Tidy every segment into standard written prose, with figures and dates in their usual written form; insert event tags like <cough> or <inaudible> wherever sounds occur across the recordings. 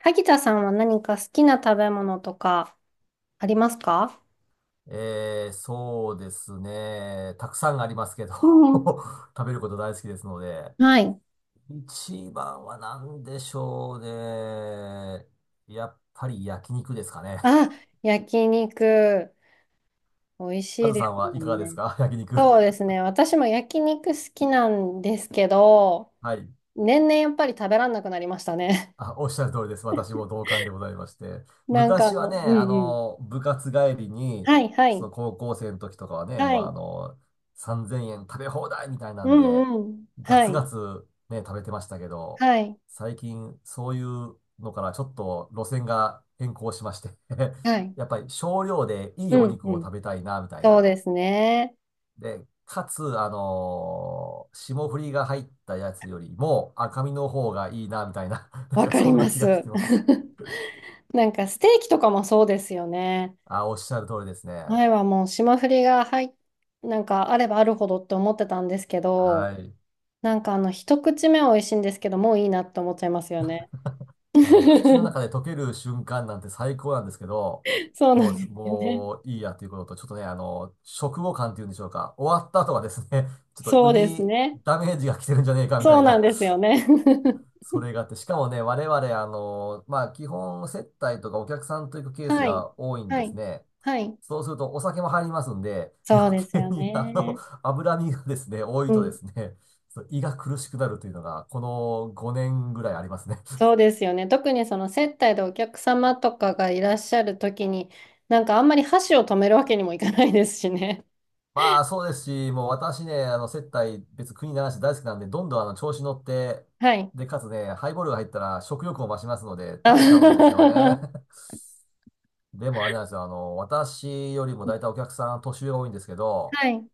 萩田さんは何か好きな食べ物とかありますか？そうですね。たくさんありますけど。 う <laughs> ん。食べること大好きですので。はい。一番は何でしょうね。やっぱり焼肉ですかね。あ、焼肉。美味しカいズでさすんはいもかがんですね。か？ <laughs> 焼肉。そうですね。私も焼肉好きなんですけど、はい。年々やっぱり食べらんなくなりましたね。あ、おっしゃる通りです。私も同感でございまして。<laughs> 昔はね、うんうん。部活帰りに、はい、はそい、の高校生の時とかはね、はもうい。3,000円食べ放題みたいなうんで、んうん。ガはツガい、ツね、食べてましたけど、はい、最近そういうのからちょっと路線が変更しまして。 <laughs> はい。やっぱり少量でいういおん肉うを食ん。べたいな、みたいそうな。ですね。で、かつ、霜降りが入ったやつよりも赤身の方がいいな、みたいな。<laughs> なんわかかりそんなま気がしす。てます。<laughs> なんかステーキとかもそうですよね。あ、おっしゃる通りですね。前はもう霜降りが入っ、なんかあればあるほどって思ってたんですけど、はい。一口目は美味しいんですけど、もういいなって思っちゃいますよね。あのね、口の <laughs> 中で溶ける瞬間なんて最高なんですけど、そうなそうんでです。すよね。もういいやということと、ちょっとね、食後感っていうんでしょうか。終わった後はですね、<laughs> ちょっとそう胃ですにね。ダメージが来てるんじゃねえか、みたそういなんな。ですよね。それがあって、しかもね、我々、まあ、基本接待とかお客さんと行く <laughs> ケースはい。が多いんはですい。ね。はい。そうするとお酒も入りますんで、余そうです計よにね。脂身がですね、多いうとでん。すね、そう胃が苦しくなるというのが、この5年ぐらいありますね。そう <laughs> ですよね。特にその接待でお客様とかがいらっしゃるときに、なんかあんまり箸を止めるわけにもいかないですしね。まあそうですし、もう私ね、接待、別国ならし大好きなんで、どんどん調子乗って、はい。で、かつね、ハイボールが入ったら食欲も増しますので、あ <laughs> 食べちゃうんですよね。は <laughs> でもあれなんですよ、私よりも大体お客さん年上が多いんですけど、い。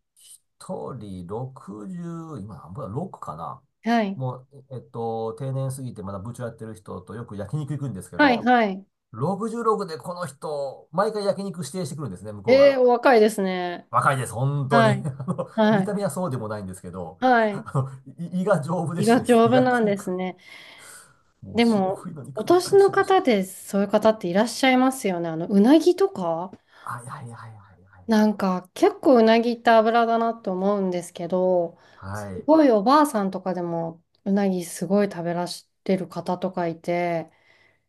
人60、今何分だ、6かな。はい。もう、定年過ぎてまだ部長やってる人とよく焼肉行くんですけはいど、はい。66でこの人、毎回焼肉指定してくるんですね、向こうえー、が。お若いですね。若いです、本当はに。<laughs> い。は見た目い。はそうでもないんですけど、はい。あの、胃が丈夫で胃してがです丈ね、夫なん焼です肉。ね。もうで霜降も、りのお肉ばっ年かりの注文し方て。でそういう方っていらっしゃいますよね。あの、うなぎとかはいはいはいはいはいなんか、結構うなぎって脂だなと思うんですけど、はすい。はい。ごいおばあさんとかでもうなぎすごい食べらしてる方とかいて、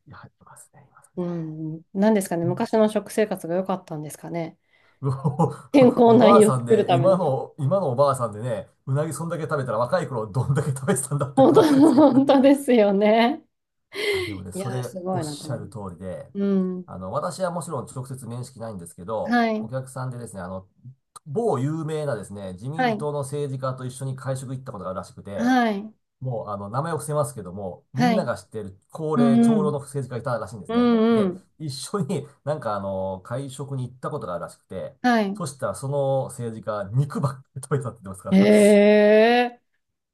いや、いますね、いますね。うん、なんですかね、昔の食生活が良かったんですかね。<laughs> 健康おおなばあ胃をさん作るで、ため今の。の、今のおばあさんでね、うなぎそんだけ食べたら若い頃どんだけ食べてたんだって本当、話ですけど本ね。当ですよね。あ、でもいね、そやー、れすごおっいなとしゃ思いまる通す。りで、うん。私はもちろん直接面識ないんですけど、はおい。客さんでですね、某有名なですね、自は民い。党の政治家と一緒に会食行ったことがあるらしくて、はい。もう、名前を伏せますけども、みはんない。が知っている高う齢、んう長老のん。政治家がいたらしいんですうね。んうで、ん。一緒に <laughs> なんか会食に行ったことがあるらしくて、はい。そしたらその政治家、肉ばっかり食べてたって言ってますから、<laughs> ええ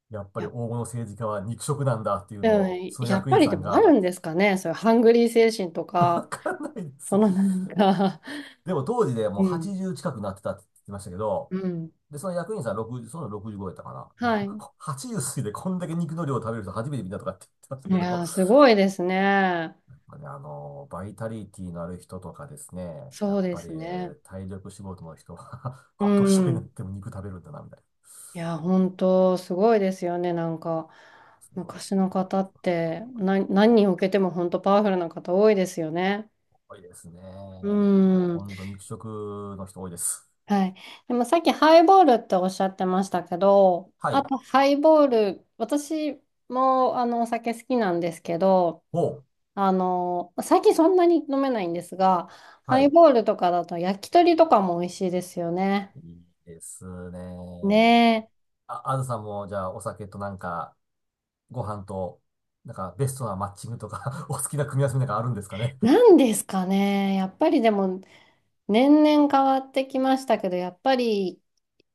やっぱや、りう黄金の政治家は肉食なんだっていうのを、んそのやっ役ぱ員りさでんもあが、るんですかね。そういうハングリー精神と <laughs> か、わかんないでそす。のなんか でも当時で <laughs> もううん。80近くなってたって言ってましたけど、うん。で、その役員さん60、その65やったかな。ではもい。80 <laughs> 過ぎてこんだけ肉の量を食べる人初めて見たとかって言ってましたいけやど、ー、すごいですね。バイタリティのある人とかですね、やそうっでぱすりね。体力仕事の人は <laughs> うお年寄りになっん。ても肉食べるんだな、みたいな。いやー、本当すごいですよね。なんか、すごい昔な、のこれ方って、な、何人受けても本当パワフルな方多いですよね。多いですね。うもうーん。本当肉食の人多いです。はい。でもさっきハイボールっておっしゃってましたけど、はあい。とハイボール、私もあのお酒好きなんですけど、お、あの、最近そんなに飲めないんですが、ハはイい。ボールとかだと焼き鳥とかも美味しいですよね。いいですね。ねあ、あずさんも、じゃあ、お酒となんか、ご飯と、なんか、ベストなマッチングとか <laughs> お好きな組み合わせなんかあるんですかね。え。なんですかね。やっぱりでも年々変わってきましたけど、やっぱり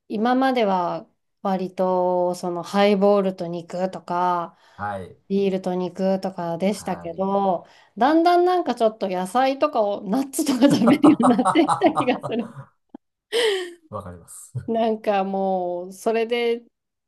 今までは割とそのハイボールと肉とか、はい。ビールと肉とかでしたはけい。ど、だんだんなんかちょっと野菜とかを、ナッツとか食べるようになってきた気がする。<laughs> わかります。なんかもう、それで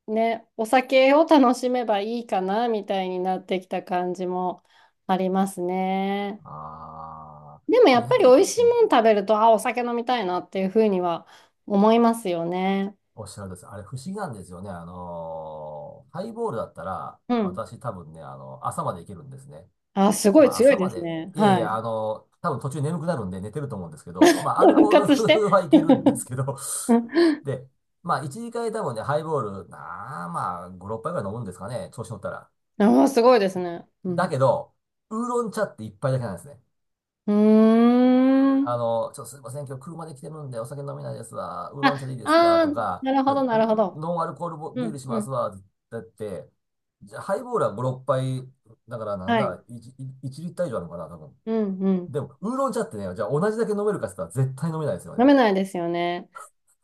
ね、お酒を楽しめばいいかな、みたいになってきた感じもありますね。ああ、でもやっぱり美味しいうんもん食べると、あ、お酒飲みたいなっていうふうには思いますよね。おっしゃるんです。あれ不思議なんですよね。ハイボールだったら、うん。私多分ね、朝までいけるんですね。あ、すごいまあ強い朝でますで、ね。いやいはや、い。多分途中眠くなるんで寝てると思うんですけど、ま <laughs> あアル復コー活して。ル <laughs> はいけるんですけど、<laughs> で、まあ1、2回多分ね、ハイボール、なあ、まあ5、6杯ぐらい飲むんですかね、調子乗ったら。あすごいですね。うだん。けど、ウーロン茶って一杯だけなんですね。うーん。ちょっとすみません、今日車で来てるんでお酒飲めないですわ。ウーロあ、ン茶でいいですかあとー、か、なるほど、なるほど。ノンアルコールボうビールん、しうますん。わ。だって、じゃあハイボールは5、6杯、だからなんはい。だ、1、いちリッター以上あるのかな、多分。うん、うん。でも、ウーロン茶ってね、じゃあ同じだけ飲めるかって言ったら絶対飲めないですよ飲ね。めないですよね。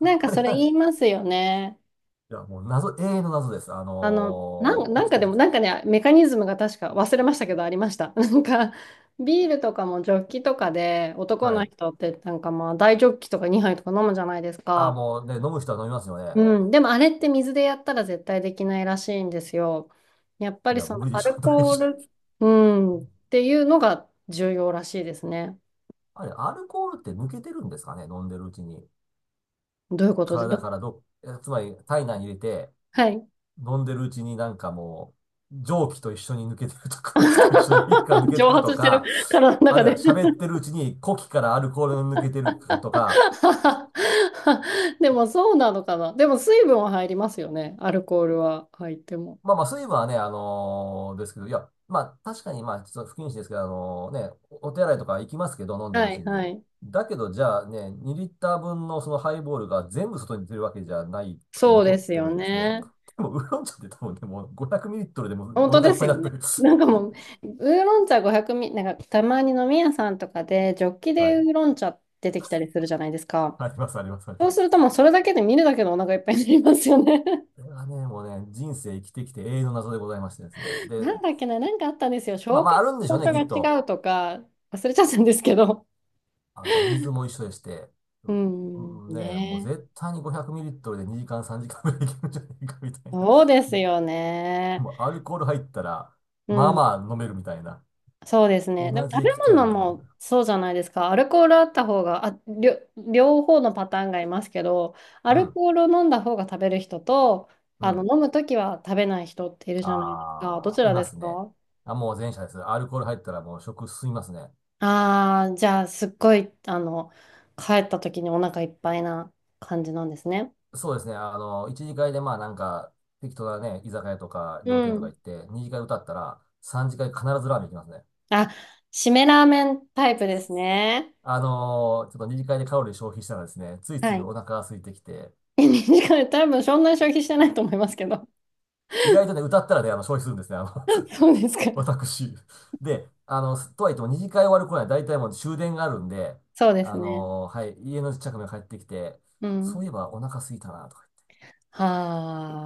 なん かあれそれは、言いますよね。いや、もう謎、永遠の謎です。あの、なん、生なんきかてでる。も、なんかね、メカニズムが確か忘れましたけど、ありました。<laughs> なんか、ビールとかもジョッキとかで、男はのい。人ってなんかまあ、大ジョッキとか2杯とか飲むじゃないですあー、か。もうね、飲む人は飲みますよね。うん、でもあれって水でやったら絶対できないらしいんですよ。やっぱいりや、そ無の理でアしょ、ル <laughs> 大コー丈ル、夫。うん、っていうのが重要らしいですね。あれ、アルコールって抜けてるんですかね、飲んでるうちに。どういうことで、体かど、らどっ、つまり体内に入れて、<laughs> はい。飲んでるうちになんかもう、蒸気と一緒に抜けてると、空気と一緒に皮膚が抜 <laughs> け蒸てる発としてるか、体のあ中るいはで 喋ってるうちに呼気からアルコールが抜けてるかとか、<laughs> でもそうなのかな。でも水分は入りますよね。アルコールは入っても。まあまあ、水分はね、あのーですけど、いや、まあ確かに、まあ、ちょっと不謹慎ですけど、あのーね、おお手洗いとか行きますけど、飲んでるはうちいはに。い。だけど、じゃあね、2リッター分のそのハイボールが全部外に出るわけじゃないくてそう残でっすてよるんですね。ね。でも、ウーロン茶って多分ね、もう500ミリリットルでもう本お当腹でいっすぱいによなってね。る。なんか <laughs> もう、ウーロン茶500ミリ、なんかたまに飲み屋さんとかで、ジョッキはでウい。ーロン茶出てきたりするじゃないですか。あります、あります、ありそまうするともうす。それだけで見るだけでお腹いっぱいになりますよね。これはね、もうね、人生生きてきて永遠の謎でございましてですね。<laughs> で、なんだっけな、なんかあったんですよ。まあ紹まあ、介あるんでし場ょうね、所きっが違と。うとか、忘れちゃったんですけど。あと、水も一緒でして、ううん、んうんねえ、もうね。絶対に500ミリリットルで2時間3時間ぐらいいけるんじゃないかみたいな。そうで <laughs> すよでね。もアルコール入ったら、うまあんまあ飲めるみたいな。そうです同ね。でもじ食べ液体物でどこに入るもそうじゃないですか。アルコールあった方が、あ、両、両方のパターンがいますけど、アうルん、コールを飲んだ方が食べる人と、うあの、ん。飲むときは食べない人っているじゃないですか。どああ、ちいらまですすね。か？あ、もう前者です。アルコール入ったらもう食進みますね。ああー、じゃあ、すっごい、あの、帰ったときにお腹いっぱいな感じなんですね。そうですね。一次会でまあなんか、適当なね、居酒屋とかう料亭とかん。行って、二次会歌ったら、三次会必ずラーメン行きますね。あ、締めラーメンタイプですね。ちょっと二次会でカロリー消費したらですね、ついつはいおい。腹が空いてきて、<laughs> 2時んで多分そんなに消費してないと思いますけど。意外とね、歌ったらね、消費するんですね、<laughs> そうですか。<laughs> 私。で、とはいっても二次会終わる頃には大体もう終電があるんで、そうですね。はい、家の近くに帰ってきて、うそうん。いえばお腹空いたな、とか言って。は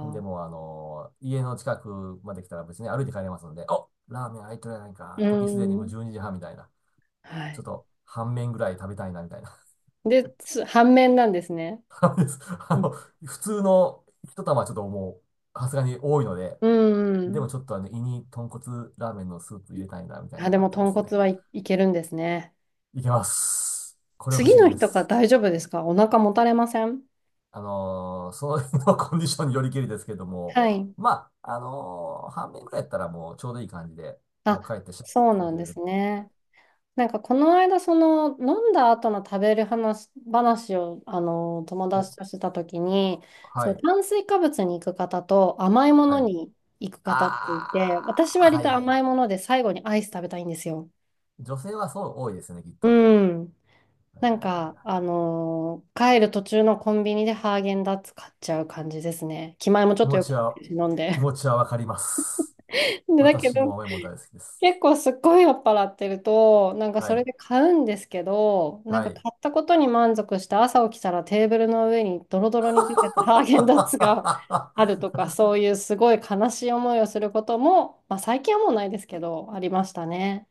ほんで、もう家の近くまで来たら別に歩いて帰れますので、お、ラーメン開いてるやないうか、時すでにもうん。12時半みたいな。はちょっい。と、半麺ぐらい食べたいな、みたいな。で、つ反面なんですね。<laughs> あのですあうんの普通の一玉はちょっともう、さすがに多いので、うんうでもん。ちょっと胃に豚骨ラーメンのスープ入れたいな、みたいなあ、のでがあっもてで豚すね。骨はい、いけるんですね。いけます。これは不次思議ので日とかす。大丈夫ですか？お腹もたれません？その日のコンディションによりけりですけれども、はい。まあ、半面ぐらいやったらもうちょうどいい感じで、もうあ、帰ってしてそうなくんれでる。すね。なんかこの間、その飲んだ後の食べる話、話をあの友お、達としてた時に、はそう、い、炭水化物に行く方と甘いもはのい。に行く方っていて、あ私ー、割はいとはい。甘いもので最後にアイス食べたいんですよ。女性はそう多いですね、きっと。はうん。いはなんいはいか、はい。あのー帰る途中のコンビニでハーゲンダッツ買っちゃう感じですね。気前もちょ気っと持良ちくなっては、るし、飲ん気で。持ちはわかります。<laughs> で、だけ私ど、も甘いもの大好きです。結構すっごい酔っ払ってると、なんかはそれい。で買うんですけど、なんはか買い。ったことに満足して朝起きたらテーブルの上にドロドロに出ててハーゲンダッツがあるとか、そ <laughs> ういうすごい悲しい思いをすることも、まあ最近はもうないですけど、ありましたね。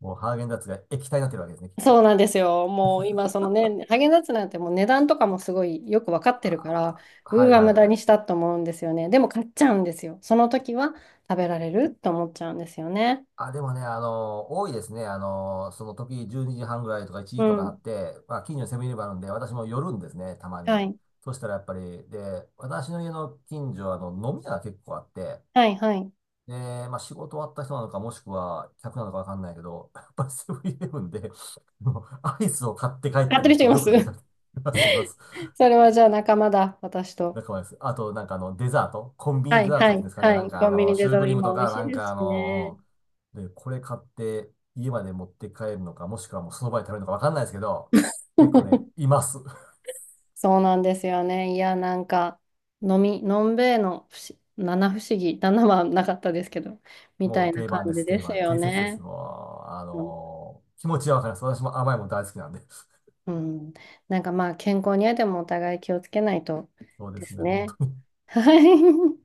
もうハーゲンダッツが液体になってるわけですね、きっそうと。なんですよ。もう今、そのね、ハーゲンダッツなんてもう値段とかもすごいよく分かってるから、あーうはーいわ、無は駄い。にしたと思うんですよね。でも買っちゃうんですよ。その時は食べられると思っちゃうんですよね。あ、でもね、多いですね。その時12時半ぐらいとか1う時とかなっん。て、まあ、近所にセブンイレブンあるんで、私も寄るんですね、たまはに。い。そしたらやっぱり、で、私の家の近所はあの飲み屋が結構あって、はい、はい。ねえー、まあ仕事終わった人なのか、もしくは客なのかわかんないけど、やっぱりセブンイレブンで、もうアイスを買って帰っ買っててるる人人いをまよす く見か <laughs> けます、います。それはじゃあ仲間だ、私と。仲間です。あと、なんかデザート、コンビニはデい、ザーはトっていうんでい、すかね、はなんい。かコンビニシデュザーートクリーム今と美か、味しないんでかすしね。で、これ買って家まで持って帰るのか、もしくはもうその場で食べるのかわかんないですけど、結構ね、<laughs> います。そうなんですよね。いや、なんか、飲み、のんべえの不思七不思議、七はなかったですけど、<laughs> みたもういな定感番でじす、で定す番。よ定説です。ね。もう、あうんの気持ちはわかります。私も甘いもん大好きなんで。うん。なんかまあ、健康にはでもお互い気をつけないとそうでですすね、本ね。当に。はい。